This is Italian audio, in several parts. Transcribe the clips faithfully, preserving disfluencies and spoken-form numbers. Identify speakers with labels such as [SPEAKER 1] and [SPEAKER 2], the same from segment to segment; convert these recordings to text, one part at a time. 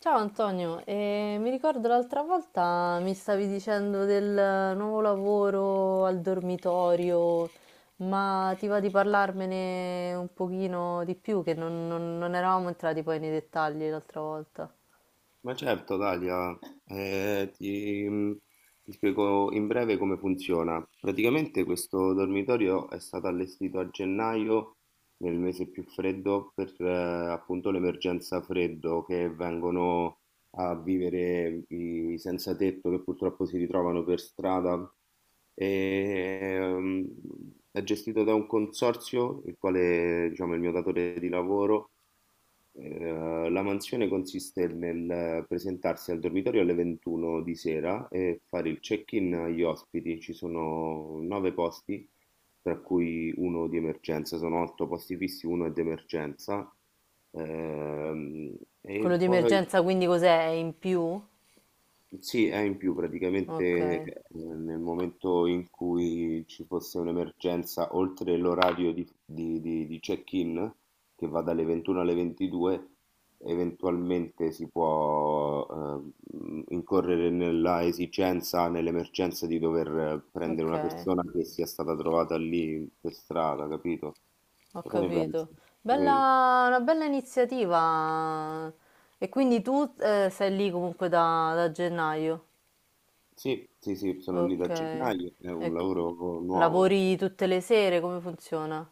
[SPEAKER 1] Ciao Antonio, eh, mi ricordo l'altra volta mi stavi dicendo del nuovo lavoro al dormitorio, ma ti va di parlarmene un pochino di più, che non, non- non eravamo entrati poi nei dettagli l'altra volta.
[SPEAKER 2] Ma certo, Dalia, eh, ti, mm, ti spiego in breve come funziona. Praticamente questo dormitorio è stato allestito a gennaio, nel mese più freddo, per eh, appunto l'emergenza freddo che vengono a vivere i senza tetto che purtroppo si ritrovano per strada. E, ehm, è gestito da un consorzio, il quale, diciamo, è il mio datore di lavoro. Eh, la mansione consiste nel presentarsi al dormitorio alle ventuno di sera e fare il check-in agli ospiti. Ci sono nove posti, tra cui uno di emergenza. Sono otto posti fissi, uno è d'emergenza. Ehm,
[SPEAKER 1] Quello
[SPEAKER 2] e
[SPEAKER 1] di
[SPEAKER 2] poi
[SPEAKER 1] emergenza quindi cos'è? È in più?
[SPEAKER 2] sì, è in più praticamente.
[SPEAKER 1] Ok,
[SPEAKER 2] Eh, nel momento in cui ci fosse un'emergenza, oltre l'orario di, di- di- di check-in, che va dalle ventuno alle ventidue, eventualmente si può eh, incorrere nella esigenza, nell'emergenza di dover eh, prendere
[SPEAKER 1] ok,
[SPEAKER 2] una persona che sia stata trovata lì per strada, capito?
[SPEAKER 1] ho
[SPEAKER 2] Cosa ne pensi?
[SPEAKER 1] capito.
[SPEAKER 2] Eh,
[SPEAKER 1] Bella, una bella iniziativa. E quindi tu eh, sei lì comunque da da gennaio.
[SPEAKER 2] Sì, sì, sì, sono lì da
[SPEAKER 1] Okay.
[SPEAKER 2] gennaio, è un
[SPEAKER 1] Ecco.
[SPEAKER 2] lavoro nuovo. Sì.
[SPEAKER 1] Lavori tutte le sere? Come funziona?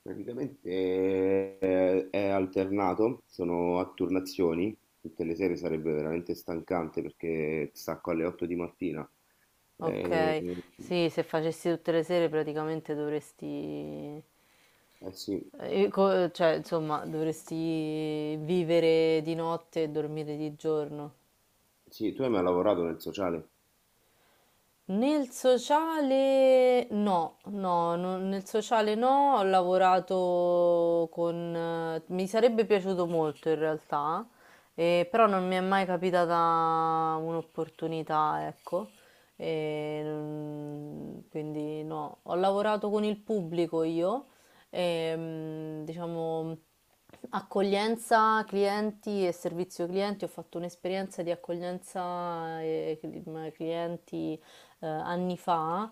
[SPEAKER 2] Praticamente eh, è alternato, sono a turnazioni, tutte le sere sarebbe veramente stancante perché stacco alle otto di mattina. Eh,
[SPEAKER 1] Okay.
[SPEAKER 2] eh
[SPEAKER 1] Sì, se facessi tutte le sere praticamente dovresti
[SPEAKER 2] sì,
[SPEAKER 1] ehm, co cioè insomma dovresti vivere di notte e dormire di giorno.
[SPEAKER 2] sì, tu hai mai lavorato nel sociale?
[SPEAKER 1] Nel sociale no, no, no- nel sociale no, ho lavorato con... eh, mi sarebbe piaciuto molto in realtà, eh, però non mi è mai capitata un'opportunità, ecco. E non- quindi no, ho lavorato con il pubblico io, ehm, diciamo accoglienza clienti e servizio clienti, ho fatto un'esperienza di accoglienza eh, cli- clienti eh, anni fa,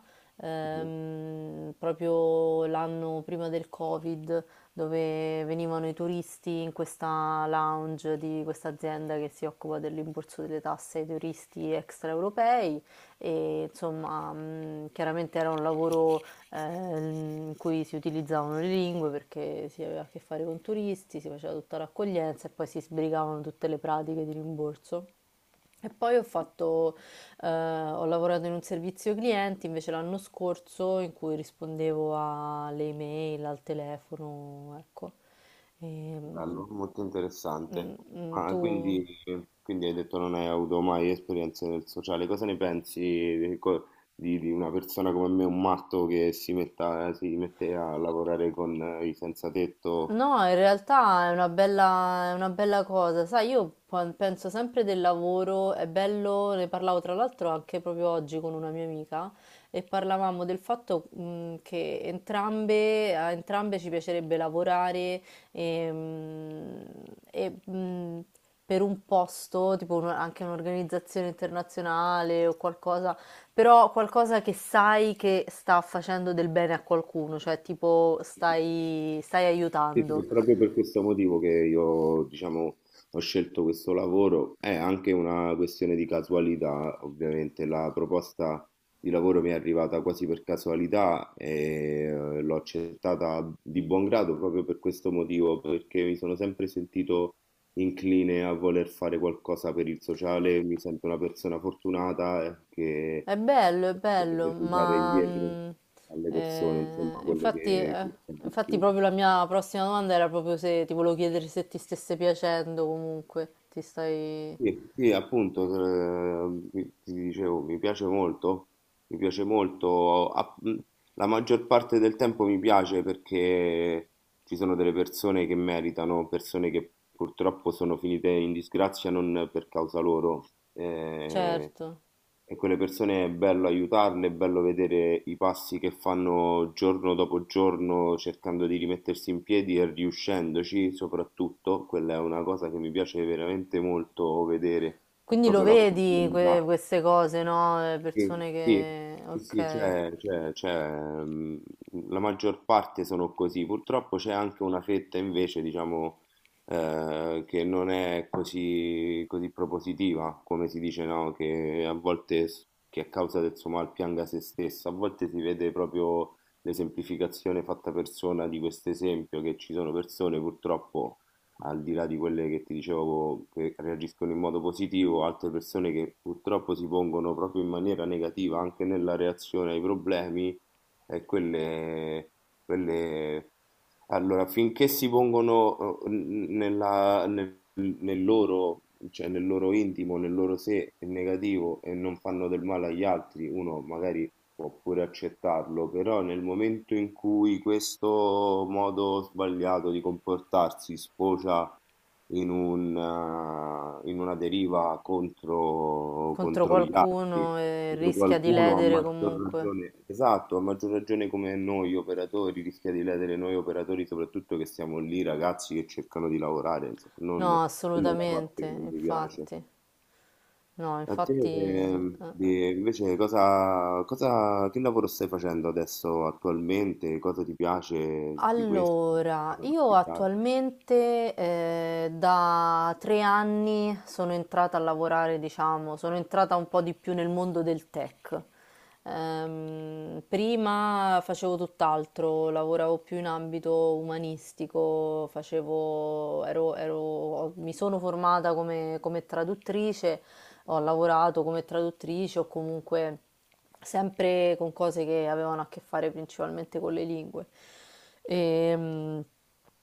[SPEAKER 2] Mhm.
[SPEAKER 1] ehm, proprio l'anno prima del Covid, dove venivano i turisti in questa lounge di questa azienda che si occupa del rimborso delle tasse ai turisti extraeuropei e insomma, mm, chiaramente era un lavoro ehm, in cui si utilizzavano le lingue perché si aveva a che fare con turisti, si faceva tutta l'accoglienza e poi si sbrigavano tutte le pratiche di rimborso. E poi ho fatto, eh, ho lavorato in un servizio clienti invece l'anno scorso in cui rispondevo alle email, al telefono, ecco. Ehm,
[SPEAKER 2] Bello, molto interessante.
[SPEAKER 1] mm, mm,
[SPEAKER 2] Ah,
[SPEAKER 1] tu...
[SPEAKER 2] quindi, quindi hai detto non hai avuto mai esperienze nel sociale. Cosa ne pensi di, co- di- di una persona come me, un matto che si metta, eh, si mette a lavorare con eh, i senza tetto?
[SPEAKER 1] No, in realtà è una bella, è una bella cosa. Sai, io quan- penso sempre del lavoro, è bello, ne parlavo tra l'altro anche proprio oggi con una mia amica e parlavamo del fatto, mh, che entrambe, a entrambe ci piacerebbe lavorare e, mh, e, mh, per un posto, tipo un- anche un'organizzazione internazionale o qualcosa, però qualcosa che sai che sta facendo del bene a qualcuno, cioè tipo stai, stai
[SPEAKER 2] Sì, sì,
[SPEAKER 1] aiutando.
[SPEAKER 2] è proprio per questo motivo che io, diciamo, ho scelto questo lavoro. È anche una questione di casualità, ovviamente. La proposta di lavoro mi è arrivata quasi per casualità e eh, l'ho accettata di buon grado proprio per questo motivo, perché mi sono sempre sentito incline a voler fare qualcosa per il sociale. Mi sento una persona fortunata eh, che
[SPEAKER 1] È bello, è
[SPEAKER 2] eh,
[SPEAKER 1] bello,
[SPEAKER 2] deve dare
[SPEAKER 1] ma
[SPEAKER 2] indietro
[SPEAKER 1] mm,
[SPEAKER 2] alle persone, insomma,
[SPEAKER 1] eh,
[SPEAKER 2] quello
[SPEAKER 1] infatti,
[SPEAKER 2] che
[SPEAKER 1] eh,
[SPEAKER 2] che ho
[SPEAKER 1] infatti
[SPEAKER 2] vissuto.
[SPEAKER 1] proprio la mia prossima domanda era proprio se ti volevo chiedere se ti stesse piacendo comunque, ti stai...
[SPEAKER 2] Sì, sì, appunto, eh, mi- ti dicevo, mi piace molto, mi piace molto, a- mh, la maggior parte del tempo mi piace perché ci sono delle persone che meritano, persone che purtroppo sono finite in disgrazia non per causa loro. Eh,
[SPEAKER 1] Certo.
[SPEAKER 2] e quelle persone è bello aiutarle, è bello vedere i passi che fanno giorno dopo giorno cercando di rimettersi in piedi e riuscendoci, soprattutto, quella è una cosa che mi piace veramente molto vedere,
[SPEAKER 1] Quindi lo
[SPEAKER 2] proprio la
[SPEAKER 1] vedi que-
[SPEAKER 2] quotidianità.
[SPEAKER 1] queste cose, no? Eh,
[SPEAKER 2] Sì,
[SPEAKER 1] persone
[SPEAKER 2] sì,
[SPEAKER 1] che,
[SPEAKER 2] sì, sì,
[SPEAKER 1] ok,
[SPEAKER 2] c'è, c'è- c'è, mh, la maggior parte sono così. Purtroppo c'è anche una fetta invece, diciamo, eh, che non è così, così propositiva, come si dice, no? Che a volte, s- che a causa del suo mal pianga se stessa, a volte si vede proprio l'esemplificazione fatta persona di questo esempio, che ci sono persone purtroppo al di là di quelle che ti dicevo che reagiscono in modo positivo, altre persone che purtroppo si pongono proprio in maniera negativa anche nella reazione ai problemi, e quelle, quelle... Allora, finché si pongono eh, n- nella- nel, nel loro, cioè nel loro intimo, nel loro sé negativo e non fanno del male agli altri, uno magari può pure accettarlo, però nel momento in cui questo modo sbagliato di comportarsi sfocia in un, eh, in una deriva contro,
[SPEAKER 1] contro
[SPEAKER 2] contro gli altri,
[SPEAKER 1] qualcuno e
[SPEAKER 2] contro
[SPEAKER 1] rischia di
[SPEAKER 2] qualcuno, a
[SPEAKER 1] ledere
[SPEAKER 2] maggior
[SPEAKER 1] comunque.
[SPEAKER 2] ragione, esatto, a maggior ragione come noi operatori, rischia di ledere noi operatori, soprattutto che siamo lì ragazzi che cercano di lavorare, insomma, non,
[SPEAKER 1] No,
[SPEAKER 2] quella è la parte
[SPEAKER 1] assolutamente,
[SPEAKER 2] che non mi piace.
[SPEAKER 1] infatti. No,
[SPEAKER 2] A te,
[SPEAKER 1] infatti... eh,
[SPEAKER 2] ehm,
[SPEAKER 1] eh.
[SPEAKER 2] di- invece, cosa, cosa, che lavoro stai facendo adesso attualmente? Cosa ti piace di questo?
[SPEAKER 1] Allora,
[SPEAKER 2] Cosa non
[SPEAKER 1] io
[SPEAKER 2] ti piace?
[SPEAKER 1] attualmente eh, da tre anni sono entrata a lavorare, diciamo, sono entrata un po' di più nel mondo del tech. Ehm, prima facevo tutt'altro, lavoravo più in ambito umanistico, facevo, ero, ero- mi sono formata come, come traduttrice, ho lavorato come traduttrice o comunque sempre con cose che avevano a che fare principalmente con le lingue. Ehm,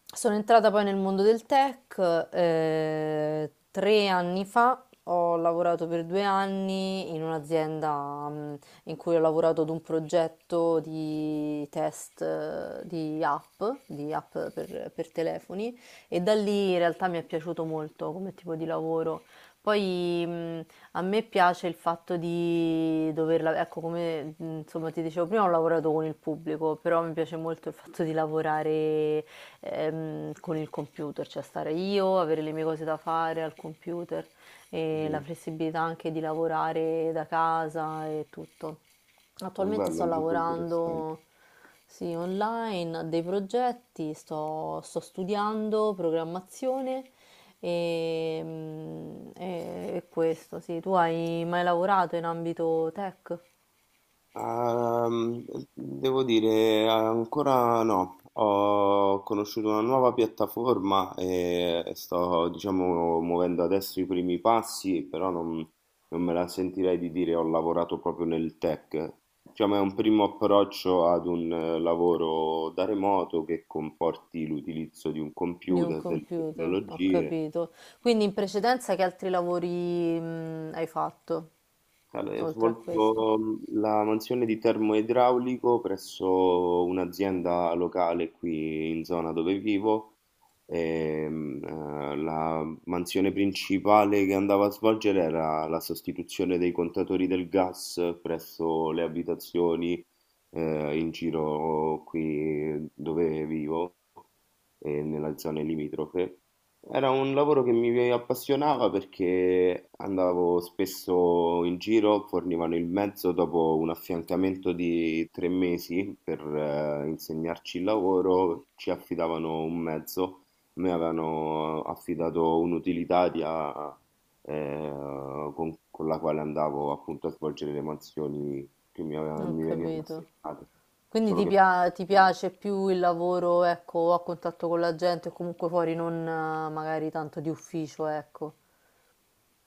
[SPEAKER 1] Sono entrata poi nel mondo del tech, eh, tre anni fa ho lavorato per due anni in un'azienda mm, in cui ho lavorato ad un progetto di test eh, di app, di app per, per telefoni, e da lì in realtà mi è piaciuto molto come tipo di lavoro. Poi mm, a me piace il fatto di doverla, ecco come mh, insomma ti dicevo prima, ho lavorato con il pubblico, però mi piace molto il fatto di lavorare ehm, con il computer, cioè stare io, avere le mie cose da fare al computer e la
[SPEAKER 2] Mm,
[SPEAKER 1] flessibilità anche di lavorare da casa e tutto. Attualmente
[SPEAKER 2] bello,
[SPEAKER 1] sto
[SPEAKER 2] molto interessante.
[SPEAKER 1] lavorando, sì, online a dei progetti, sto, sto studiando programmazione e, mm, e- e questo, sì. Tu hai mai lavorato in ambito tech?
[SPEAKER 2] Ehm, Devo dire, ancora no. Ho conosciuto una nuova piattaforma e sto, diciamo, muovendo adesso i primi passi, però non, non me la sentirei di dire ho lavorato proprio nel tech. Diciamo, è un primo approccio ad un eh, lavoro da remoto che comporti l'utilizzo di un
[SPEAKER 1] Di un
[SPEAKER 2] computer, delle
[SPEAKER 1] computer, ho
[SPEAKER 2] tecnologie.
[SPEAKER 1] capito. Quindi in precedenza che altri lavori, mm, hai fatto,
[SPEAKER 2] Allora, ho
[SPEAKER 1] oltre a questo?
[SPEAKER 2] svolto mh, la mansione di termoidraulico presso un'azienda locale qui in zona dove vivo. Ehm, eh, la mansione principale che andava a svolgere era la sostituzione dei contatori del gas presso le abitazioni eh, in giro qui dove vivo e nella zona limitrofe. Era un lavoro che mi appassionava perché andavo spesso in giro, fornivano il mezzo dopo un affiancamento di tre mesi per eh, insegnarci il lavoro, ci affidavano un mezzo, a me avevano affidato un'utilitaria eh, con, con la quale andavo appunto a svolgere le mansioni che mi, aveva-
[SPEAKER 1] Ho
[SPEAKER 2] mi venivano
[SPEAKER 1] capito.
[SPEAKER 2] assegnate.
[SPEAKER 1] Quindi
[SPEAKER 2] Solo
[SPEAKER 1] ti,
[SPEAKER 2] che
[SPEAKER 1] pia- ti piace più il lavoro, ecco, a contatto con la gente o comunque fuori, non eh, magari tanto di ufficio, ecco.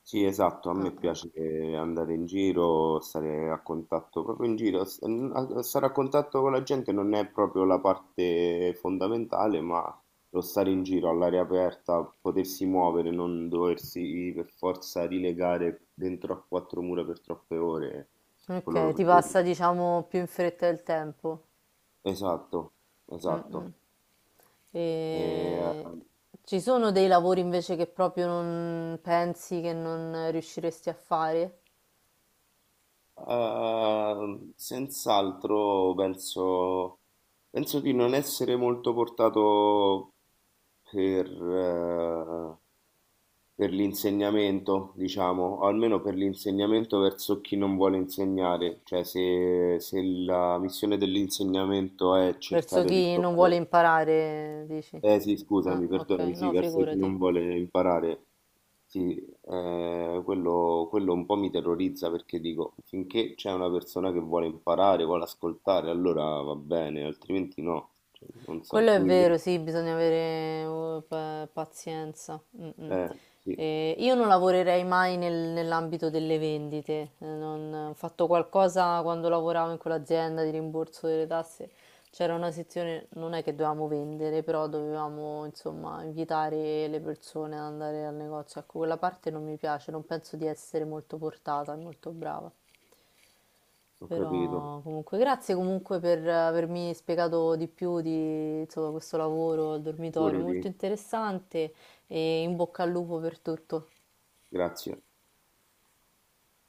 [SPEAKER 2] sì, esatto, a me
[SPEAKER 1] Ah, ah.
[SPEAKER 2] piace eh, andare in giro, stare a contatto proprio in giro, S- n- a- stare a contatto con la gente non è proprio la parte fondamentale, ma lo stare in giro all'aria aperta, potersi muovere, non doversi per forza rilegare dentro a quattro mura per troppe ore, quello lo
[SPEAKER 1] Ok, ti passa
[SPEAKER 2] preferisco.
[SPEAKER 1] diciamo più in fretta il tempo.
[SPEAKER 2] Esatto,
[SPEAKER 1] Mm,
[SPEAKER 2] esatto.
[SPEAKER 1] mm.
[SPEAKER 2] E,
[SPEAKER 1] E... Ci sono dei lavori invece che proprio non pensi che non riusciresti a fare?
[SPEAKER 2] eh, senz'altro penso... Penso di non essere molto portato per, eh, per l'insegnamento, diciamo, o almeno per l'insegnamento verso chi non vuole insegnare, cioè se, se la missione dell'insegnamento è
[SPEAKER 1] Verso
[SPEAKER 2] cercare di
[SPEAKER 1] chi non vuole
[SPEAKER 2] trovare...
[SPEAKER 1] imparare, dici?
[SPEAKER 2] Eh sì,
[SPEAKER 1] Ah,
[SPEAKER 2] scusami,
[SPEAKER 1] ok,
[SPEAKER 2] perdonami, sì,
[SPEAKER 1] no,
[SPEAKER 2] verso chi
[SPEAKER 1] figurati.
[SPEAKER 2] non vuole imparare, sì, eh, quello, quello un po' mi terrorizza perché dico, finché c'è una persona che vuole imparare, vuole ascoltare, allora va bene, altrimenti no. Cioè, non so,
[SPEAKER 1] Quello è
[SPEAKER 2] tu invece...
[SPEAKER 1] vero, sì, bisogna avere eh, pa- pazienza. Mm, mm.
[SPEAKER 2] Eh sì,
[SPEAKER 1] Eh, io non lavorerei mai nel- nell'ambito delle vendite. Eh, non- ho fatto qualcosa quando lavoravo in quell'azienda di rimborso delle tasse. C'era una sezione, non è che dovevamo vendere, però dovevamo insomma invitare le persone ad andare al negozio. Ecco, quella parte non mi piace, non penso di essere molto portata, molto brava.
[SPEAKER 2] ho capito,
[SPEAKER 1] Però comunque grazie comunque per avermi spiegato di più di insomma, questo lavoro al dormitorio,
[SPEAKER 2] pure di...
[SPEAKER 1] molto interessante, e in bocca al lupo per tutto.
[SPEAKER 2] grazie